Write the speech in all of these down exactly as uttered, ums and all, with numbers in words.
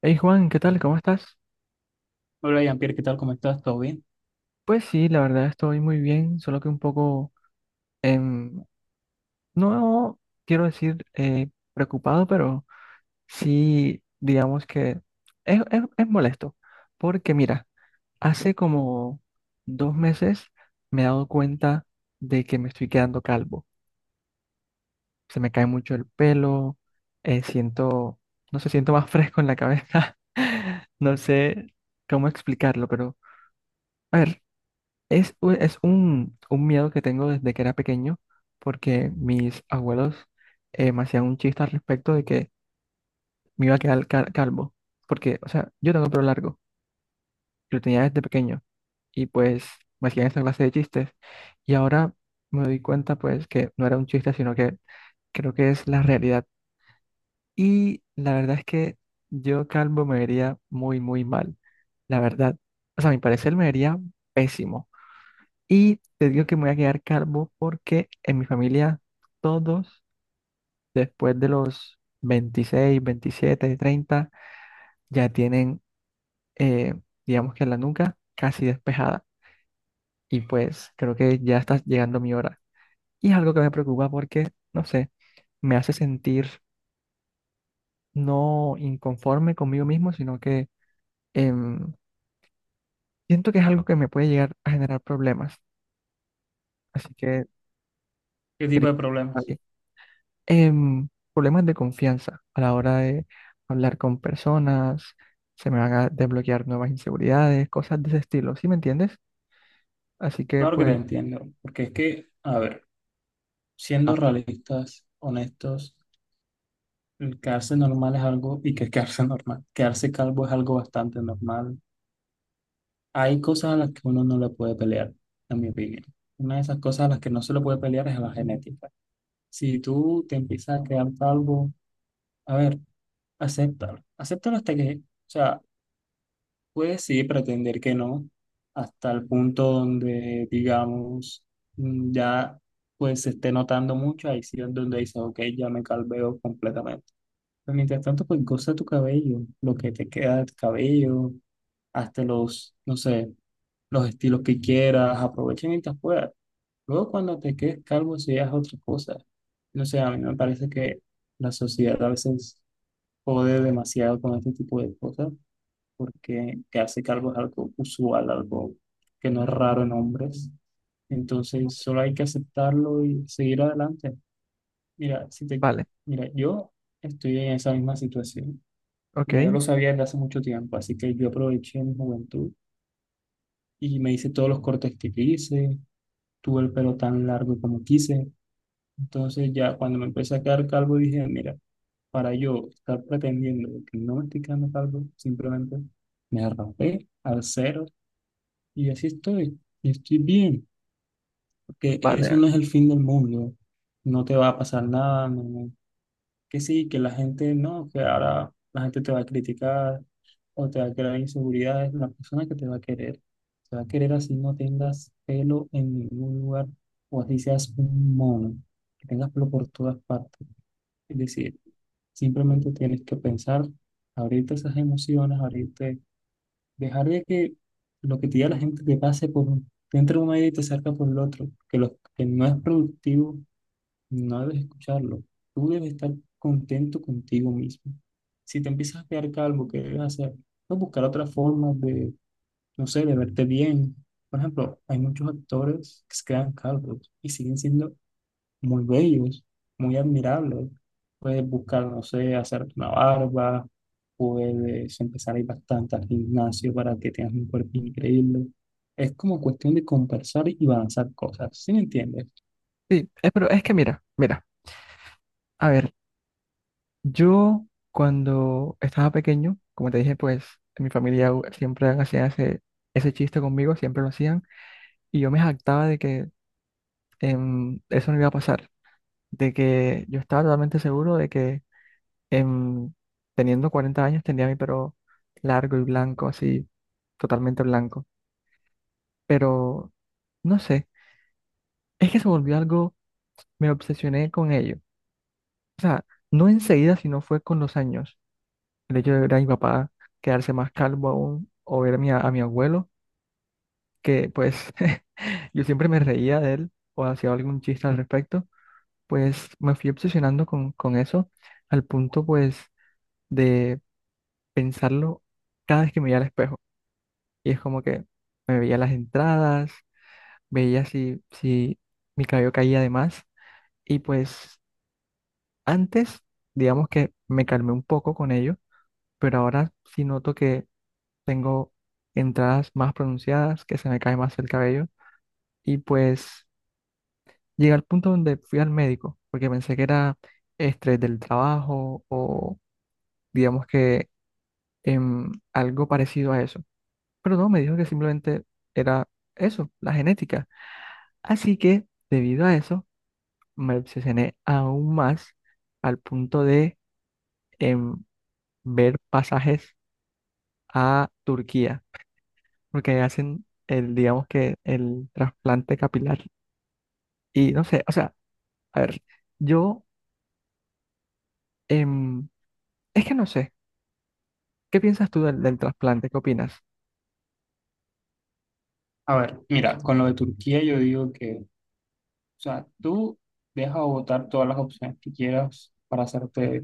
Hey Juan, ¿qué tal? ¿Cómo estás? Hola, Jean-Pierre, ¿qué tal? ¿Cómo estás? ¿Todo bien? Pues sí, la verdad estoy muy bien, solo que un poco, em, no quiero decir eh, preocupado, pero sí, digamos que es, es- es molesto, porque mira, hace como dos meses me he dado cuenta de que me estoy quedando calvo. Se me cae mucho el pelo, eh, siento, no sé, siento más fresco en la cabeza. No sé cómo explicarlo, pero a ver. Es, u- es un, un miedo que tengo desde que era pequeño, porque mis abuelos eh, me hacían un chiste al respecto de que me iba a quedar cal- calvo, porque, o sea, yo tengo el pelo largo, y lo tenía desde pequeño, y pues me hacían esta clase de chistes, y ahora me doy cuenta pues que no era un chiste, sino que creo que es la realidad. Y la verdad es que yo calvo me vería muy, muy mal, la verdad. O sea, a mi parecer me vería pésimo. Y te digo que me voy a quedar calvo porque en mi familia todos después de los veintiséis, veintisiete, treinta ya tienen, eh, digamos que la nuca casi despejada. Y pues creo que ya está llegando mi hora. Y es algo que me preocupa porque, no sé, me hace sentir no inconforme conmigo mismo, sino que em, siento que es algo que me puede llegar a generar problemas. Así que... ¿Qué tipo Cris, de problemas? em, problemas de confianza a la hora de hablar con personas, se me van a desbloquear nuevas inseguridades, cosas de ese estilo, ¿sí me entiendes? Así que Claro que te pues, entiendo, porque es que, a ver, ah, siendo realistas, honestos, el quedarse normal es algo, y que es quedarse normal, quedarse calvo es algo bastante normal. Hay cosas a las que uno no le puede pelear, en mi opinión. Una de esas cosas a las que no se le puede pelear es a la genética. Si tú te empiezas a quedar calvo, a ver, acéptalo. Acéptalo hasta que, o sea, pues sí, pretender que no, hasta el punto donde, digamos, mm, ya pues se esté notando mucho, ahí sí es donde dices, ok, ya me calveo completamente. Pero mientras tanto, pues goza tu cabello, lo que te queda del cabello, hasta los, no sé, los estilos que quieras, aprovecha mientras puedas. Luego cuando te quedes calvo, si es otra cosa. No sé, a mí me parece que la sociedad a veces jode demasiado con este tipo de cosas porque quedarse calvo es algo usual, algo que no es raro en hombres. Entonces, solo hay que aceptarlo y seguir adelante. Mira, si te, vale, mira, yo estoy en esa misma situación. ok, Ya yo lo sabía desde hace mucho tiempo, así que yo aproveché mi juventud y me hice todos los cortes que quise, tuve el pelo tan largo como quise. Entonces, ya cuando me empecé a quedar calvo, dije, mira, para yo estar pretendiendo que no me estoy quedando calvo, simplemente me rapé al cero. Y así estoy, y estoy bien, porque eso vale. no es el fin del mundo, no te va a pasar nada, no- no, que sí, que la gente no, que ahora la gente te va a criticar o te va a crear inseguridades, la persona que te va a querer, te va a querer así no tengas pelo en ningún lugar o así seas un mono, que tengas pelo por todas partes. Es decir, simplemente tienes que pensar, abrirte esas emociones, abrirte. Dejar de que lo que te diga la gente te pase por, te entra un medio y te salga por el otro, que lo que no es productivo, no debes escucharlo. Tú debes estar contento contigo mismo. Si te empiezas a quedar calvo, ¿qué debes hacer? No, buscar otras formas de, no sé, de verte bien. Por ejemplo, hay muchos actores que se quedan calvos y siguen siendo muy bellos, muy admirables. Puedes buscar, no sé, hacerte una barba, puedes empezar a ir bastante al gimnasio para que tengas un cuerpo increíble. Es como cuestión de conversar y balanzar cosas, ¿sí me entiendes? Sí, eh, pero es que mira, mira, a ver, yo cuando estaba pequeño, como te dije, pues en mi familia u- siempre hacían ese, ese chiste conmigo, siempre lo hacían, y yo me jactaba de que em, eso no iba a pasar, de que yo estaba totalmente seguro de que Em, teniendo cuarenta años tenía mi pelo largo y blanco, así, totalmente blanco. Pero, no sé, es que se volvió algo, me obsesioné con ello. O sea, no enseguida, sino fue con los años. El hecho de ver a mi papá quedarse más calvo aún, o ver a mi, a mi abuelo, que pues yo siempre me reía de él o hacía algún chiste al respecto, pues me fui obsesionando con, con eso al punto pues de pensarlo cada vez que me veía al espejo. Y es como que me veía las entradas, veía si, si mi cabello caía de más. Y pues antes, digamos que me calmé un poco con ello, pero ahora sí noto que tengo entradas más pronunciadas, que se me cae más el cabello. Y pues llegué al punto donde fui al médico, porque pensé que era estrés del trabajo o digamos que em, algo parecido a eso. Pero no, me dijo que simplemente era eso, la genética. Así que, debido a eso, me obsesioné aún más al punto de em, ver pasajes a Turquía, porque hacen el, digamos que el trasplante capilar. Y no sé, o sea, a ver, yo, em, es que no sé, ¿qué piensas tú del, del trasplante? ¿Qué opinas? A ver, mira, con lo de Turquía yo digo que, o sea, tú deja votar todas las opciones que quieras para hacerte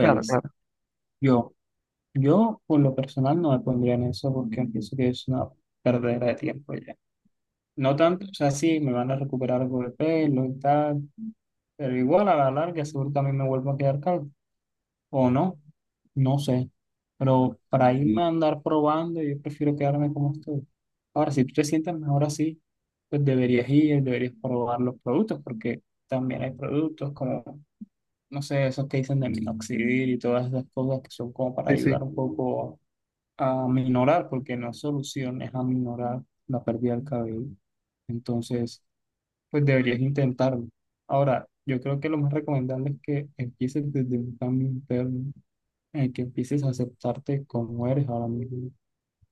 Claro, claro, Yo, yo por lo personal no me pondría en eso porque pienso que es una perdera de tiempo ya. No tanto, o sea, sí, me van a recuperar algo de pelo y tal, pero igual a la larga seguro también me vuelvo a quedar calvo, o no, no sé, pero para irme a andar probando yo prefiero quedarme como estoy. Ahora, si tú te sientes mejor así, pues deberías ir, deberías probar los productos, porque también hay productos como, no sé, esos que dicen de minoxidil y todas esas cosas que son como para sí, sí. ayudar un poco a minorar, porque no es solución, es aminorar la pérdida del cabello. Entonces pues deberías intentarlo. Ahora, yo creo que lo más recomendable es que empieces desde un cambio interno, en el que empieces a aceptarte como eres ahora mismo,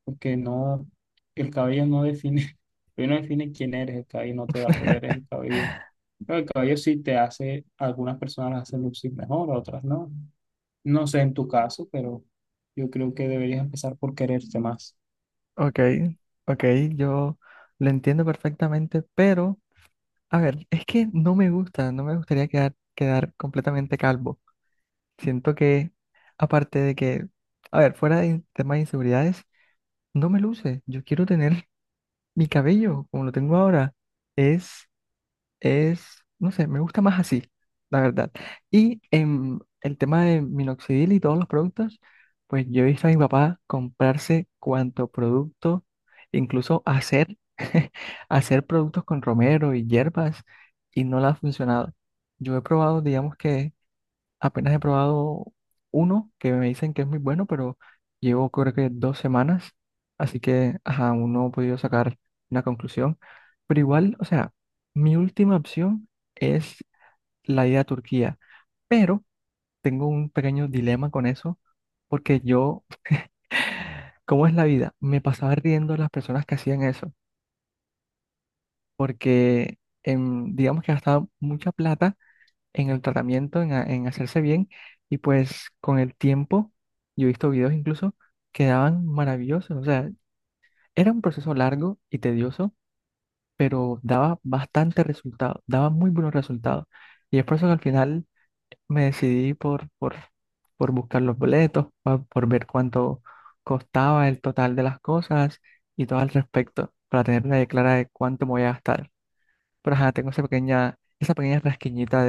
porque no, el cabello no define, el cabello no define quién eres, el cabello no te da poderes, el cabello, pero el cabello sí te hace, algunas personas las hacen lucir mejor, a otras no. No sé en tu caso, pero yo creo que deberías empezar por quererte más. Ok, ok, yo lo entiendo perfectamente, pero... A ver, es que no me gusta, no me gustaría quedar, quedar completamente calvo. Siento que, aparte de que, a ver, fuera de temas de inseguridades, no me luce. Yo quiero tener mi cabello como lo tengo ahora. Es es, no sé, me gusta más así, la verdad. Y en el tema de minoxidil y todos los productos, pues yo he visto a mi papá comprarse cuanto producto, incluso hacer, hacer productos con romero y hierbas y no le ha funcionado. Yo he probado, digamos que apenas he probado uno que me dicen que es muy bueno, pero llevo creo que dos semanas, así que ajá, aún no he podido sacar una conclusión. Pero igual, o sea, mi última opción es la ida a Turquía, pero tengo un pequeño dilema con eso, porque yo, ¿cómo es la vida? Me pasaba riendo de las personas que hacían eso, porque em, digamos que gastaba mucha plata en el tratamiento, en, ha- en hacerse bien. Y pues con el tiempo, yo he visto videos incluso, quedaban maravillosos. O sea, era un proceso largo y tedioso, pero daba bastante resultado, daba muy buenos resultados. Y es por eso que al final me decidí por, por, por buscar los boletos, pa- por ver cuánto costaba el total de las cosas y todo al respecto, para tener una idea clara de cuánto me voy a gastar. Pero ajá, tengo esa pequeña, esa pequeña rasquiñita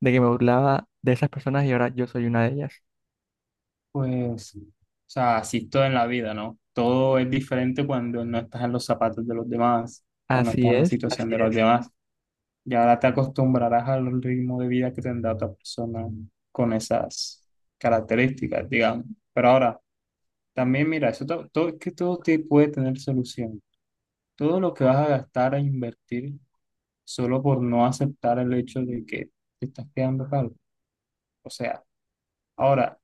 de que me burlaba de esas personas y ahora yo soy una de ellas. Pues, o sea, así es todo en la vida, ¿no? Todo es diferente cuando no estás en los zapatos de los demás o no estás Así en la es, situación así de los es. demás. Y ahora te acostumbrarás al ritmo de vida que tendrá otra persona con esas características, digamos. Pero ahora, también mira, eso to- todo, es que todo te puede tener solución. Todo lo que vas a gastar a invertir solo por no aceptar el hecho de que te estás quedando calvo. O sea, ahora,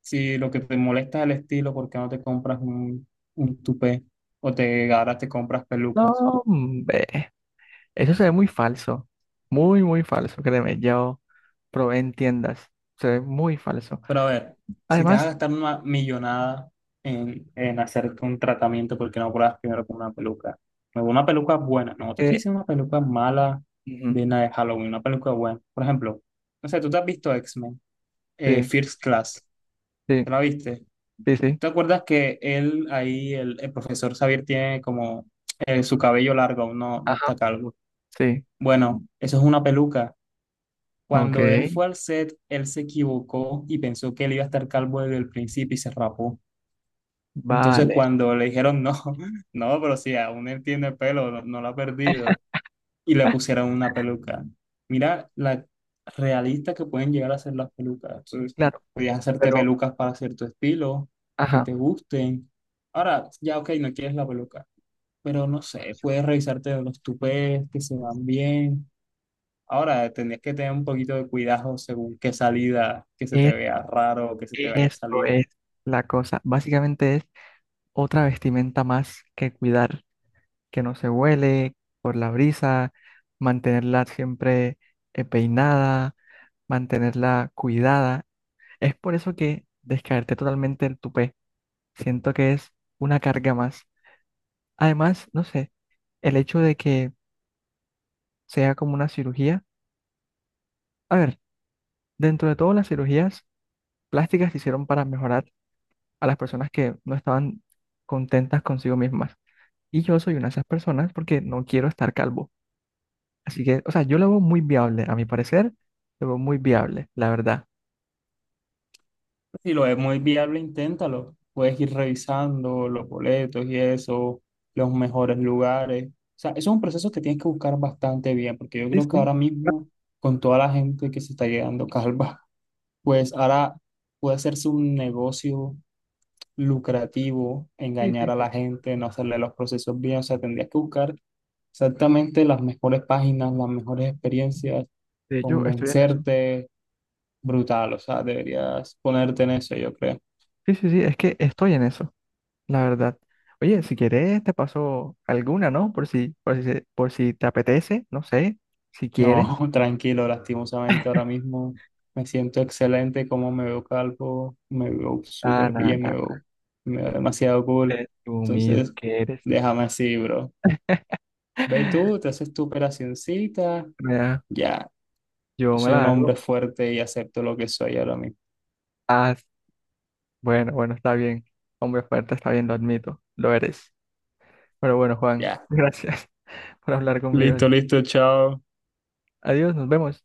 si lo que te molesta es el estilo, ¿por qué no te compras un, un tupé? O te ahora te compras No, pelucas. hombre, eso se ve muy falso, muy, muy falso, créeme, yo probé en tiendas, se ve muy falso. Pero a ver, si te vas a Además, gastar una millonada en, en hacerte un tratamiento, ¿por qué no pruebas primero con una peluca? Pero una peluca buena, no te estoy que... diciendo una peluca mala ujú, de una de Halloween, una peluca buena. Por ejemplo, no sé, ¿tú te has visto X-Men, eh, sí, First Class, sí, ¿te la viste? sí, sí, ¿Te acuerdas que él ahí, el, el profesor Xavier tiene como eh, su cabello largo, aún no, no ajá, está calvo? sí, Bueno, eso es una peluca. ok, Cuando él fue al set, él se equivocó y pensó que él iba a estar calvo desde el principio y se rapó. Entonces, vale, cuando le dijeron no, no, pero si aún él tiene pelo, no, no lo ha perdido, y le pusieron una peluca. Mira la realista que pueden llegar a ser las pelucas. Entonces, claro, podías hacerte pero, pelucas para cierto estilo, que ajá, te gusten. Ahora, ya, ok, no quieres la peluca, pero no sé, puedes revisarte los tupés que se van bien. Ahora, tendrías que tener un poquito de cuidado según qué salida, que se te es- vea raro o que se te vaya a eso salir. es la cosa, básicamente es otra vestimenta más que cuidar. Que no se huele por la brisa, mantenerla siempre eh, peinada, mantenerla cuidada. Es por eso que descaerte totalmente el tupé, siento que es una carga más. Además, no sé, el hecho de que sea como una cirugía, a ver, dentro de todas las cirugías plásticas se hicieron para mejorar a las personas que no estaban contentas consigo mismas. Y yo soy una de esas personas porque no quiero estar calvo. Así que, o sea, yo lo veo muy viable, a mi parecer, lo veo muy viable, la verdad. Si lo es muy viable, inténtalo. Puedes ir revisando los boletos y eso, los mejores lugares. O sea, eso es un proceso que tienes que buscar bastante bien, porque yo Sí, creo que sí, ahora ah, mismo, con toda la gente que se está llegando calva, pues ahora puede hacerse un negocio lucrativo, sí, sí, engañar a sí. la gente, no hacerle los procesos bien. O sea, tendrías que buscar exactamente las mejores páginas, las mejores experiencias, De hecho, estoy en eso. convencerte, brutal, o sea, deberías ponerte en eso, yo creo. Sí, sí, sí, es que estoy en eso, la verdad. Oye, si quieres, te paso alguna, ¿no? Por si, por si, se- por si te apetece, no sé, si quieres. No, tranquilo, lastimosamente ahora mismo me siento excelente, como me veo calvo, me veo Ah, súper nada, bien, me nada. veo, me veo demasiado cool. Presumido Entonces, que eres. déjame así, bro. Ve tú, te haces tu operacioncita, Mira, ya, yo yo me soy un la hago. hombre fuerte y acepto lo que soy ahora mismo. Ah, bueno, bueno, está bien. Hombre fuerte, está bien, lo admito, lo eres. Pero bueno, Juan, Ya, gracias por hablar conmigo. listo, listo, chao. Adiós, nos vemos.